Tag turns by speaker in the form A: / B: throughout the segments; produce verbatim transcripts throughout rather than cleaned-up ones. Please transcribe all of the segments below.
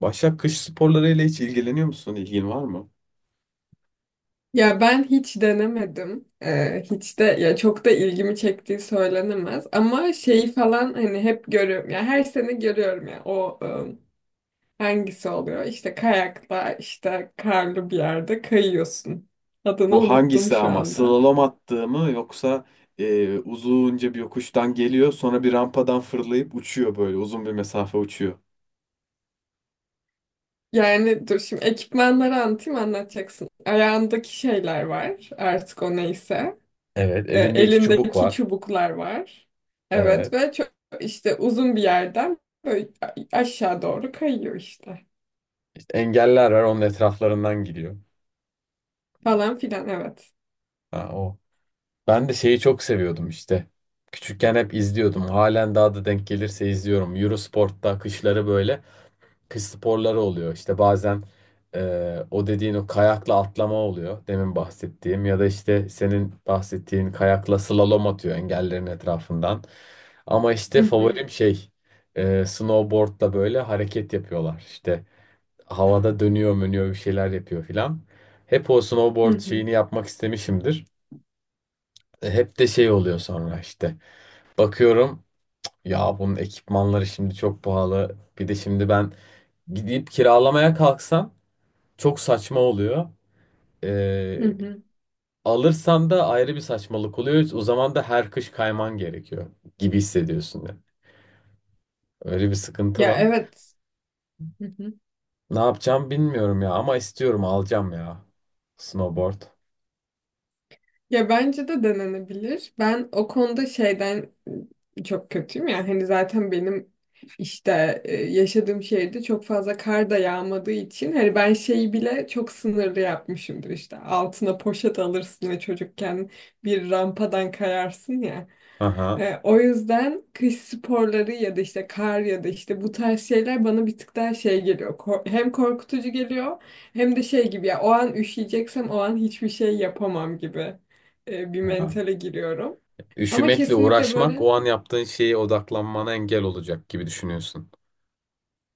A: Başak, kış sporlarıyla hiç ilgileniyor musun? İlgin var mı?
B: Ya ben hiç denemedim. Ee, hiç de ya çok da ilgimi çektiği söylenemez. Ama şeyi falan hani hep görüyorum. Ya her sene görüyorum ya o ım, hangisi oluyor? İşte kayakla işte karlı bir yerde kayıyorsun. Adını
A: Bu
B: unuttum
A: hangisi
B: şu
A: ama?
B: anda.
A: Slalom attığı mı, yoksa e, uzunca bir yokuştan geliyor, sonra bir rampadan fırlayıp uçuyor, böyle uzun bir mesafe uçuyor.
B: Yani dur şimdi ekipmanları anlatayım anlatacaksın. Ayağındaki şeyler var artık o neyse.
A: Evet,
B: E,
A: elinde iki çubuk
B: elindeki
A: var.
B: çubuklar var. Evet
A: Evet.
B: ve çok işte uzun bir yerden böyle aşağı doğru kayıyor işte.
A: İşte engeller var, onun etraflarından gidiyor.
B: Falan filan evet.
A: Ha, o. Ben de şeyi çok seviyordum işte. Küçükken hep izliyordum. Halen daha da denk gelirse izliyorum. Eurosport'ta kışları böyle kış sporları oluyor. İşte bazen e, o dediğin, o kayakla atlama oluyor. Demin bahsettiğim ya da işte senin bahsettiğin kayakla slalom atıyor engellerin etrafından. Ama işte
B: Hı hı,
A: favorim şey, e, snowboardla böyle hareket yapıyorlar. İşte havada dönüyor mönüyor, bir şeyler yapıyor filan. Hep o
B: hı
A: snowboard
B: hı,
A: şeyini yapmak istemişimdir. E, Hep de şey oluyor sonra işte. Bakıyorum, ya bunun ekipmanları şimdi çok pahalı. Bir de şimdi ben gidip kiralamaya kalksam çok saçma oluyor.
B: hı
A: Ee,
B: hı.
A: Alırsan da ayrı bir saçmalık oluyor. O zaman da her kış kayman gerekiyor gibi hissediyorsun ya. Öyle bir sıkıntı
B: Ya
A: var.
B: evet. Hı hı.
A: Ne yapacağım bilmiyorum ya, ama istiyorum, alacağım ya. Snowboard.
B: Ya bence de denenebilir. Ben o konuda şeyden çok kötüyüm ya. Hani zaten benim işte e, yaşadığım şehirde çok fazla kar da yağmadığı için hani ben şeyi bile çok sınırlı yapmışımdır işte. Altına poşet alırsın ve çocukken bir rampadan kayarsın ya.
A: Aha.
B: E, o yüzden kış sporları ya da işte kar ya da işte bu tarz şeyler bana bir tık daha şey geliyor. Kor- hem korkutucu geliyor hem de şey gibi ya o an üşüyeceksem o an hiçbir şey yapamam gibi e, bir
A: Aha.
B: mentale giriyorum. Ama
A: Üşümekle
B: kesinlikle
A: uğraşmak
B: böyle
A: o an yaptığın şeye odaklanmana engel olacak gibi düşünüyorsun.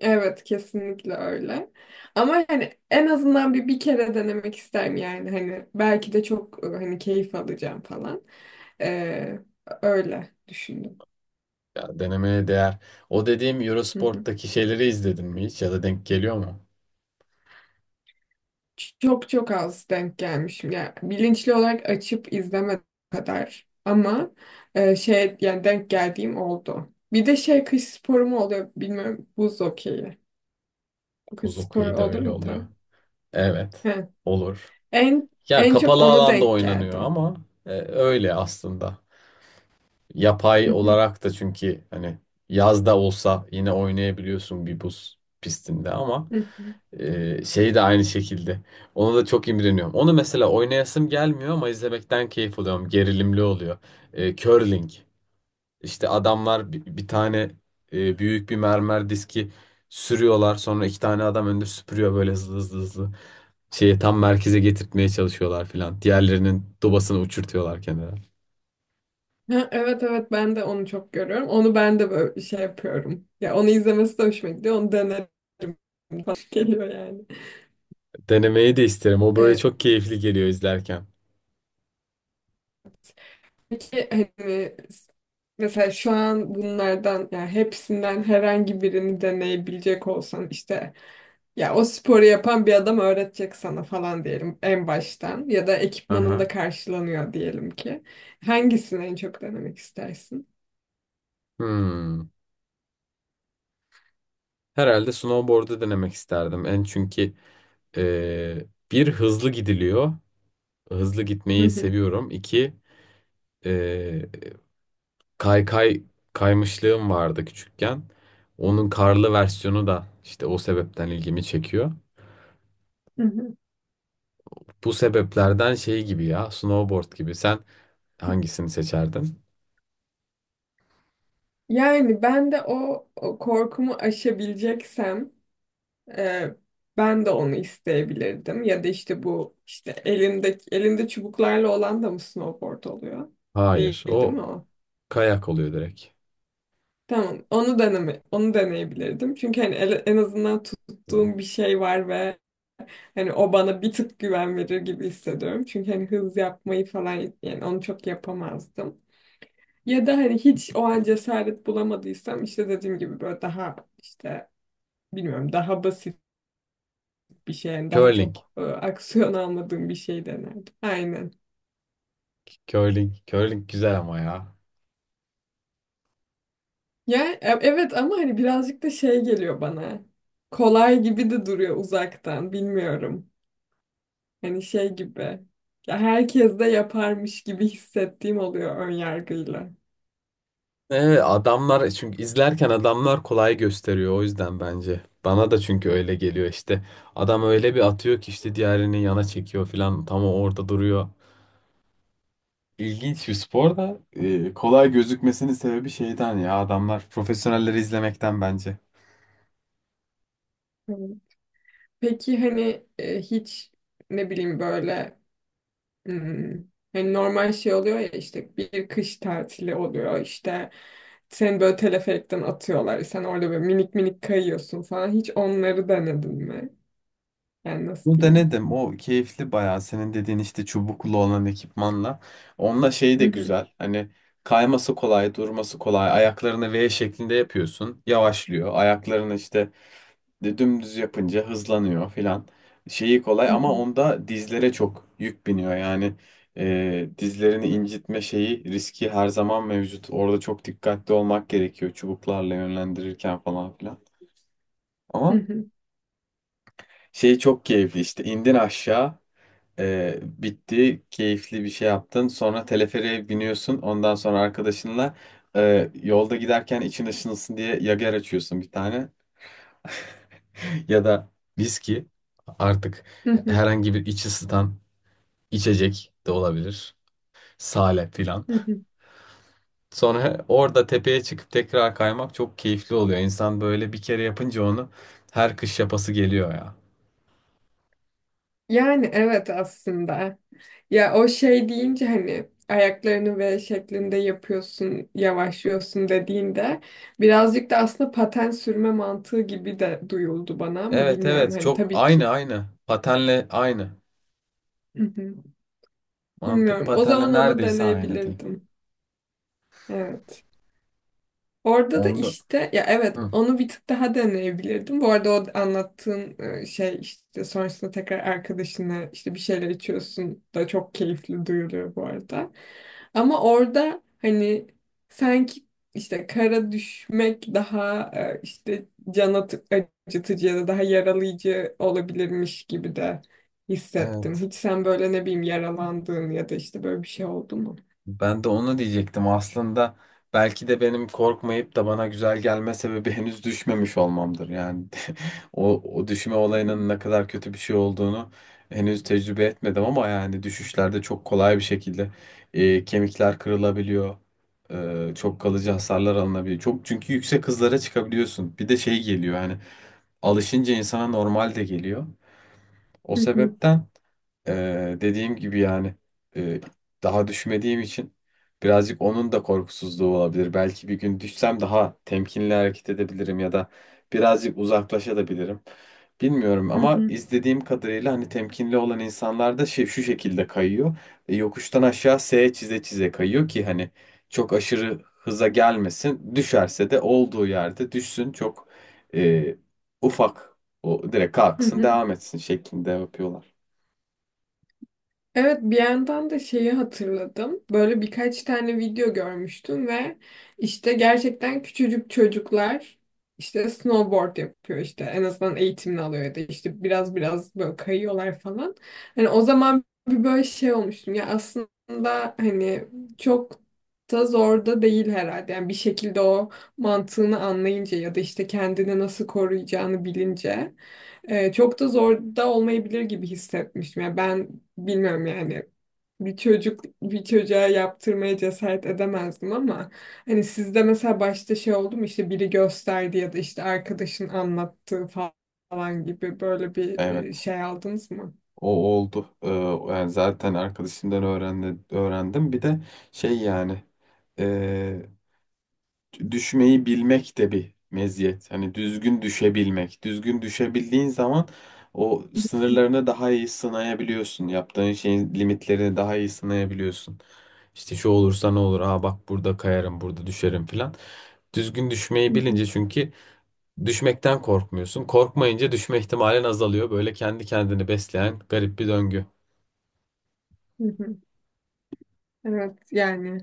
B: evet kesinlikle öyle. Ama hani en azından bir bir kere denemek isterim yani hani belki de çok e, hani keyif alacağım falan. E, Öyle düşündüm.
A: Ya, denemeye değer. O dediğim Eurosport'taki şeyleri izledin mi hiç, ya da denk geliyor mu?
B: Çok çok az denk gelmişim. Yani bilinçli olarak açıp izleme kadar. Ama e, şey yani denk geldiğim oldu. Bir de şey kış sporu mu oluyor bilmiyorum. Buz hokeyi. Kış
A: Buz
B: sporu
A: hokeyi de
B: olur
A: öyle
B: mu
A: oluyor.
B: tam?
A: Evet.
B: He.
A: Olur.
B: En
A: Ya
B: en çok
A: kapalı
B: onu
A: alanda
B: denk
A: oynanıyor
B: geldim.
A: ama e, öyle aslında.
B: Hı
A: Yapay
B: hı,
A: olarak da, çünkü hani yazda olsa yine oynayabiliyorsun bir buz pistinde, ama
B: hı hı.
A: e, şey de aynı şekilde. Ona da çok imreniyorum. Onu mesela oynayasım gelmiyor ama izlemekten keyif alıyorum. Gerilimli oluyor. E, curling. İşte adamlar bi- bir, tane e, büyük bir mermer diski sürüyorlar. Sonra iki tane adam önünde süpürüyor, böyle hızlı hızlı hızlı şeyi tam merkeze getirtmeye çalışıyorlar filan. Diğerlerinin dobasını uçurtuyorlar kenara.
B: Ha, evet evet ben de onu çok görüyorum. Onu ben de böyle şey yapıyorum. Ya onu izlemesi de hoşuma gidiyor. Onu denerim falan geliyor yani.
A: Denemeyi de isterim. O böyle
B: E,
A: çok keyifli geliyor izlerken.
B: Peki hani mesela şu an bunlardan yani hepsinden herhangi birini deneyebilecek olsan işte ya o sporu yapan bir adam öğretecek sana falan diyelim en baştan ya da ekipmanın da
A: Aha.
B: karşılanıyor diyelim ki. Hangisini en çok denemek istersin?
A: Hmm. Herhalde snowboard'u denemek isterdim. En çünkü e, bir hızlı gidiliyor. Hızlı
B: Hı
A: gitmeyi
B: hı,
A: seviyorum. İki, e, kaykay kaymışlığım vardı küçükken. Onun karlı versiyonu da işte o sebepten ilgimi çekiyor.
B: hı hı.
A: Bu sebeplerden şey gibi, ya snowboard gibi. Sen hangisini seçerdin?
B: Yani ben de o, o korkumu aşabileceksem Ee, ben de onu isteyebilirdim. Ya da işte bu işte elinde elinde çubuklarla olan da mı snowboard oluyor? Değil,
A: Hayır.
B: değil mi
A: O
B: o?
A: kayak oluyor direkt.
B: Tamam. Onu deneme, onu deneyebilirdim. Çünkü hani ele- en azından tuttuğum bir şey var ve hani o bana bir tık güven verir gibi hissediyorum. Çünkü hani hız yapmayı falan yani onu çok yapamazdım. Ya da hani hiç o an cesaret bulamadıysam işte dediğim gibi böyle daha işte bilmiyorum daha basit bir şey. Yani daha
A: Curling.
B: çok e, aksiyon almadığım bir şey denerdim. Aynen.
A: Curling. Curling güzel ama ya.
B: Ya e- evet ama hani birazcık da şey geliyor bana. Kolay gibi de duruyor uzaktan. Bilmiyorum. Hani şey gibi. Ya herkes de yaparmış gibi hissettiğim oluyor ön yargıyla.
A: Evet, adamlar, çünkü izlerken adamlar kolay gösteriyor, o yüzden bence. Bana da çünkü öyle geliyor işte. Adam öyle bir atıyor ki işte diğerini yana çekiyor falan, tam o orada duruyor. İlginç bir spor da, e, kolay gözükmesinin sebebi şeyden, ya adamlar, profesyonelleri izlemekten bence.
B: Hı. Peki hani e, hiç ne bileyim böyle hmm, hani normal şey oluyor ya işte bir kış tatili oluyor işte seni böyle teleferikten atıyorlar sen orada böyle minik minik kayıyorsun falan hiç onları denedin mi? Yani nasıl
A: Bunu
B: diyeyim?
A: denedim. O keyifli bayağı, senin dediğin işte çubuklu olan ekipmanla. Onunla şeyi
B: Hı
A: de
B: hı,
A: güzel. Hani kayması kolay, durması kolay. Ayaklarını V şeklinde yapıyorsun, yavaşlıyor. Ayaklarını işte de- dümdüz yapınca hızlanıyor filan. Şeyi kolay,
B: hı
A: ama
B: hı,
A: onda dizlere çok yük biniyor. Yani e, dizlerini incitme şeyi riski her zaman mevcut. Orada çok dikkatli olmak gerekiyor çubuklarla yönlendirirken falan filan.
B: hı
A: Ama
B: hı,
A: şey çok keyifli, işte indin aşağı. Ee, bitti, keyifli bir şey yaptın. Sonra teleferiğe biniyorsun. Ondan sonra arkadaşınla e, yolda giderken için ışınılsın diye yager açıyorsun bir tane. Ya da viski, artık
B: hı hı,
A: herhangi bir iç ısıtan içecek de olabilir. Sale filan.
B: hı hı.
A: Sonra orada tepeye çıkıp tekrar kaymak çok keyifli oluyor. İnsan böyle bir kere yapınca onu her kış yapası geliyor ya.
B: Yani evet aslında. Ya o şey deyince hani ayaklarını V şeklinde yapıyorsun, yavaşlıyorsun dediğinde birazcık da aslında paten sürme mantığı gibi de duyuldu bana ama
A: Evet,
B: bilmiyorum
A: evet,
B: hani
A: çok
B: tabii
A: aynı
B: ki.
A: aynı. Patenle aynı.
B: Hı hı.
A: Mantık
B: Bilmiyorum. O
A: patenle
B: zaman onu
A: neredeyse aynı diyeyim.
B: deneyebilirdim. Evet. Orada da
A: Onda.
B: işte ya evet
A: Hı,
B: onu bir tık daha deneyebilirdim. Bu arada o anlattığın e, şey işte sonrasında tekrar arkadaşına işte bir şeyler içiyorsun da çok keyifli duyuluyor bu arada. Ama orada hani sanki işte kara düşmek daha e, işte can atı- acıtıcı ya da daha yaralayıcı olabilirmiş gibi de hissettim.
A: evet.
B: Hiç sen böyle ne bileyim yaralandığın ya da işte böyle bir şey oldu mu?
A: Ben de onu diyecektim. Aslında belki de benim korkmayıp da bana güzel gelme sebebi henüz düşmemiş olmamdır. Yani o, o düşme olayının ne kadar kötü bir şey olduğunu henüz tecrübe etmedim, ama yani düşüşlerde çok kolay bir şekilde e, kemikler kırılabiliyor. E, çok kalıcı hasarlar alınabiliyor. Çok, çünkü yüksek hızlara çıkabiliyorsun. Bir de şey geliyor, yani alışınca insana normal de geliyor. O sebepten. Ee, dediğim gibi yani, e, daha düşmediğim için birazcık onun da korkusuzluğu olabilir. Belki bir gün düşsem daha temkinli hareket edebilirim, ya da birazcık uzaklaşabilirim. Bilmiyorum, ama izlediğim kadarıyla hani temkinli olan insanlar da şey, şu şekilde kayıyor. E, yokuştan aşağı S çize çize kayıyor ki hani çok aşırı hıza gelmesin. Düşerse de olduğu yerde düşsün, çok e, ufak, o direkt kalksın devam etsin şeklinde yapıyorlar.
B: Evet bir yandan da şeyi hatırladım. Böyle birkaç tane video görmüştüm ve işte gerçekten küçücük çocuklar işte snowboard yapıyor işte en azından eğitimini alıyor ya da işte biraz biraz böyle kayıyorlar falan. Hani o zaman bir böyle şey olmuştum ya aslında hani çok da zor da değil herhalde. Yani bir şekilde o mantığını anlayınca ya da işte kendini nasıl koruyacağını bilince. Ee, çok da zor da olmayabilir gibi hissetmiştim. Yani ben bilmiyorum yani bir çocuk bir çocuğa yaptırmaya cesaret edemezdim ama hani sizde mesela başta şey oldu mu işte biri gösterdi ya da işte arkadaşın anlattığı falan gibi böyle bir e,
A: Evet.
B: şey aldınız mı?
A: O oldu. Ee, yani zaten arkadaşımdan öğrendi, öğrendim. Bir de şey yani, e, düşmeyi bilmek de bir meziyet. Hani düzgün düşebilmek. Düzgün düşebildiğin zaman o sınırlarını daha iyi sınayabiliyorsun. Yaptığın şeyin limitlerini daha iyi sınayabiliyorsun. İşte şu olursa ne olur? Aa bak, burada kayarım, burada düşerim filan. Düzgün
B: Hı
A: düşmeyi
B: hı,
A: bilince çünkü düşmekten korkmuyorsun. Korkmayınca düşme ihtimalin azalıyor. Böyle kendi kendini besleyen garip bir döngü.
B: hı hı. Evet yani.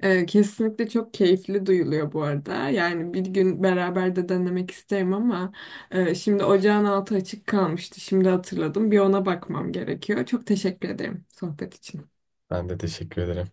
B: Ee, kesinlikle çok keyifli duyuluyor bu arada. Yani bir gün beraber de denemek isterim ama e, şimdi ocağın altı açık kalmıştı. Şimdi hatırladım. Bir ona bakmam gerekiyor. Çok teşekkür ederim sohbet için.
A: Ben de teşekkür ederim.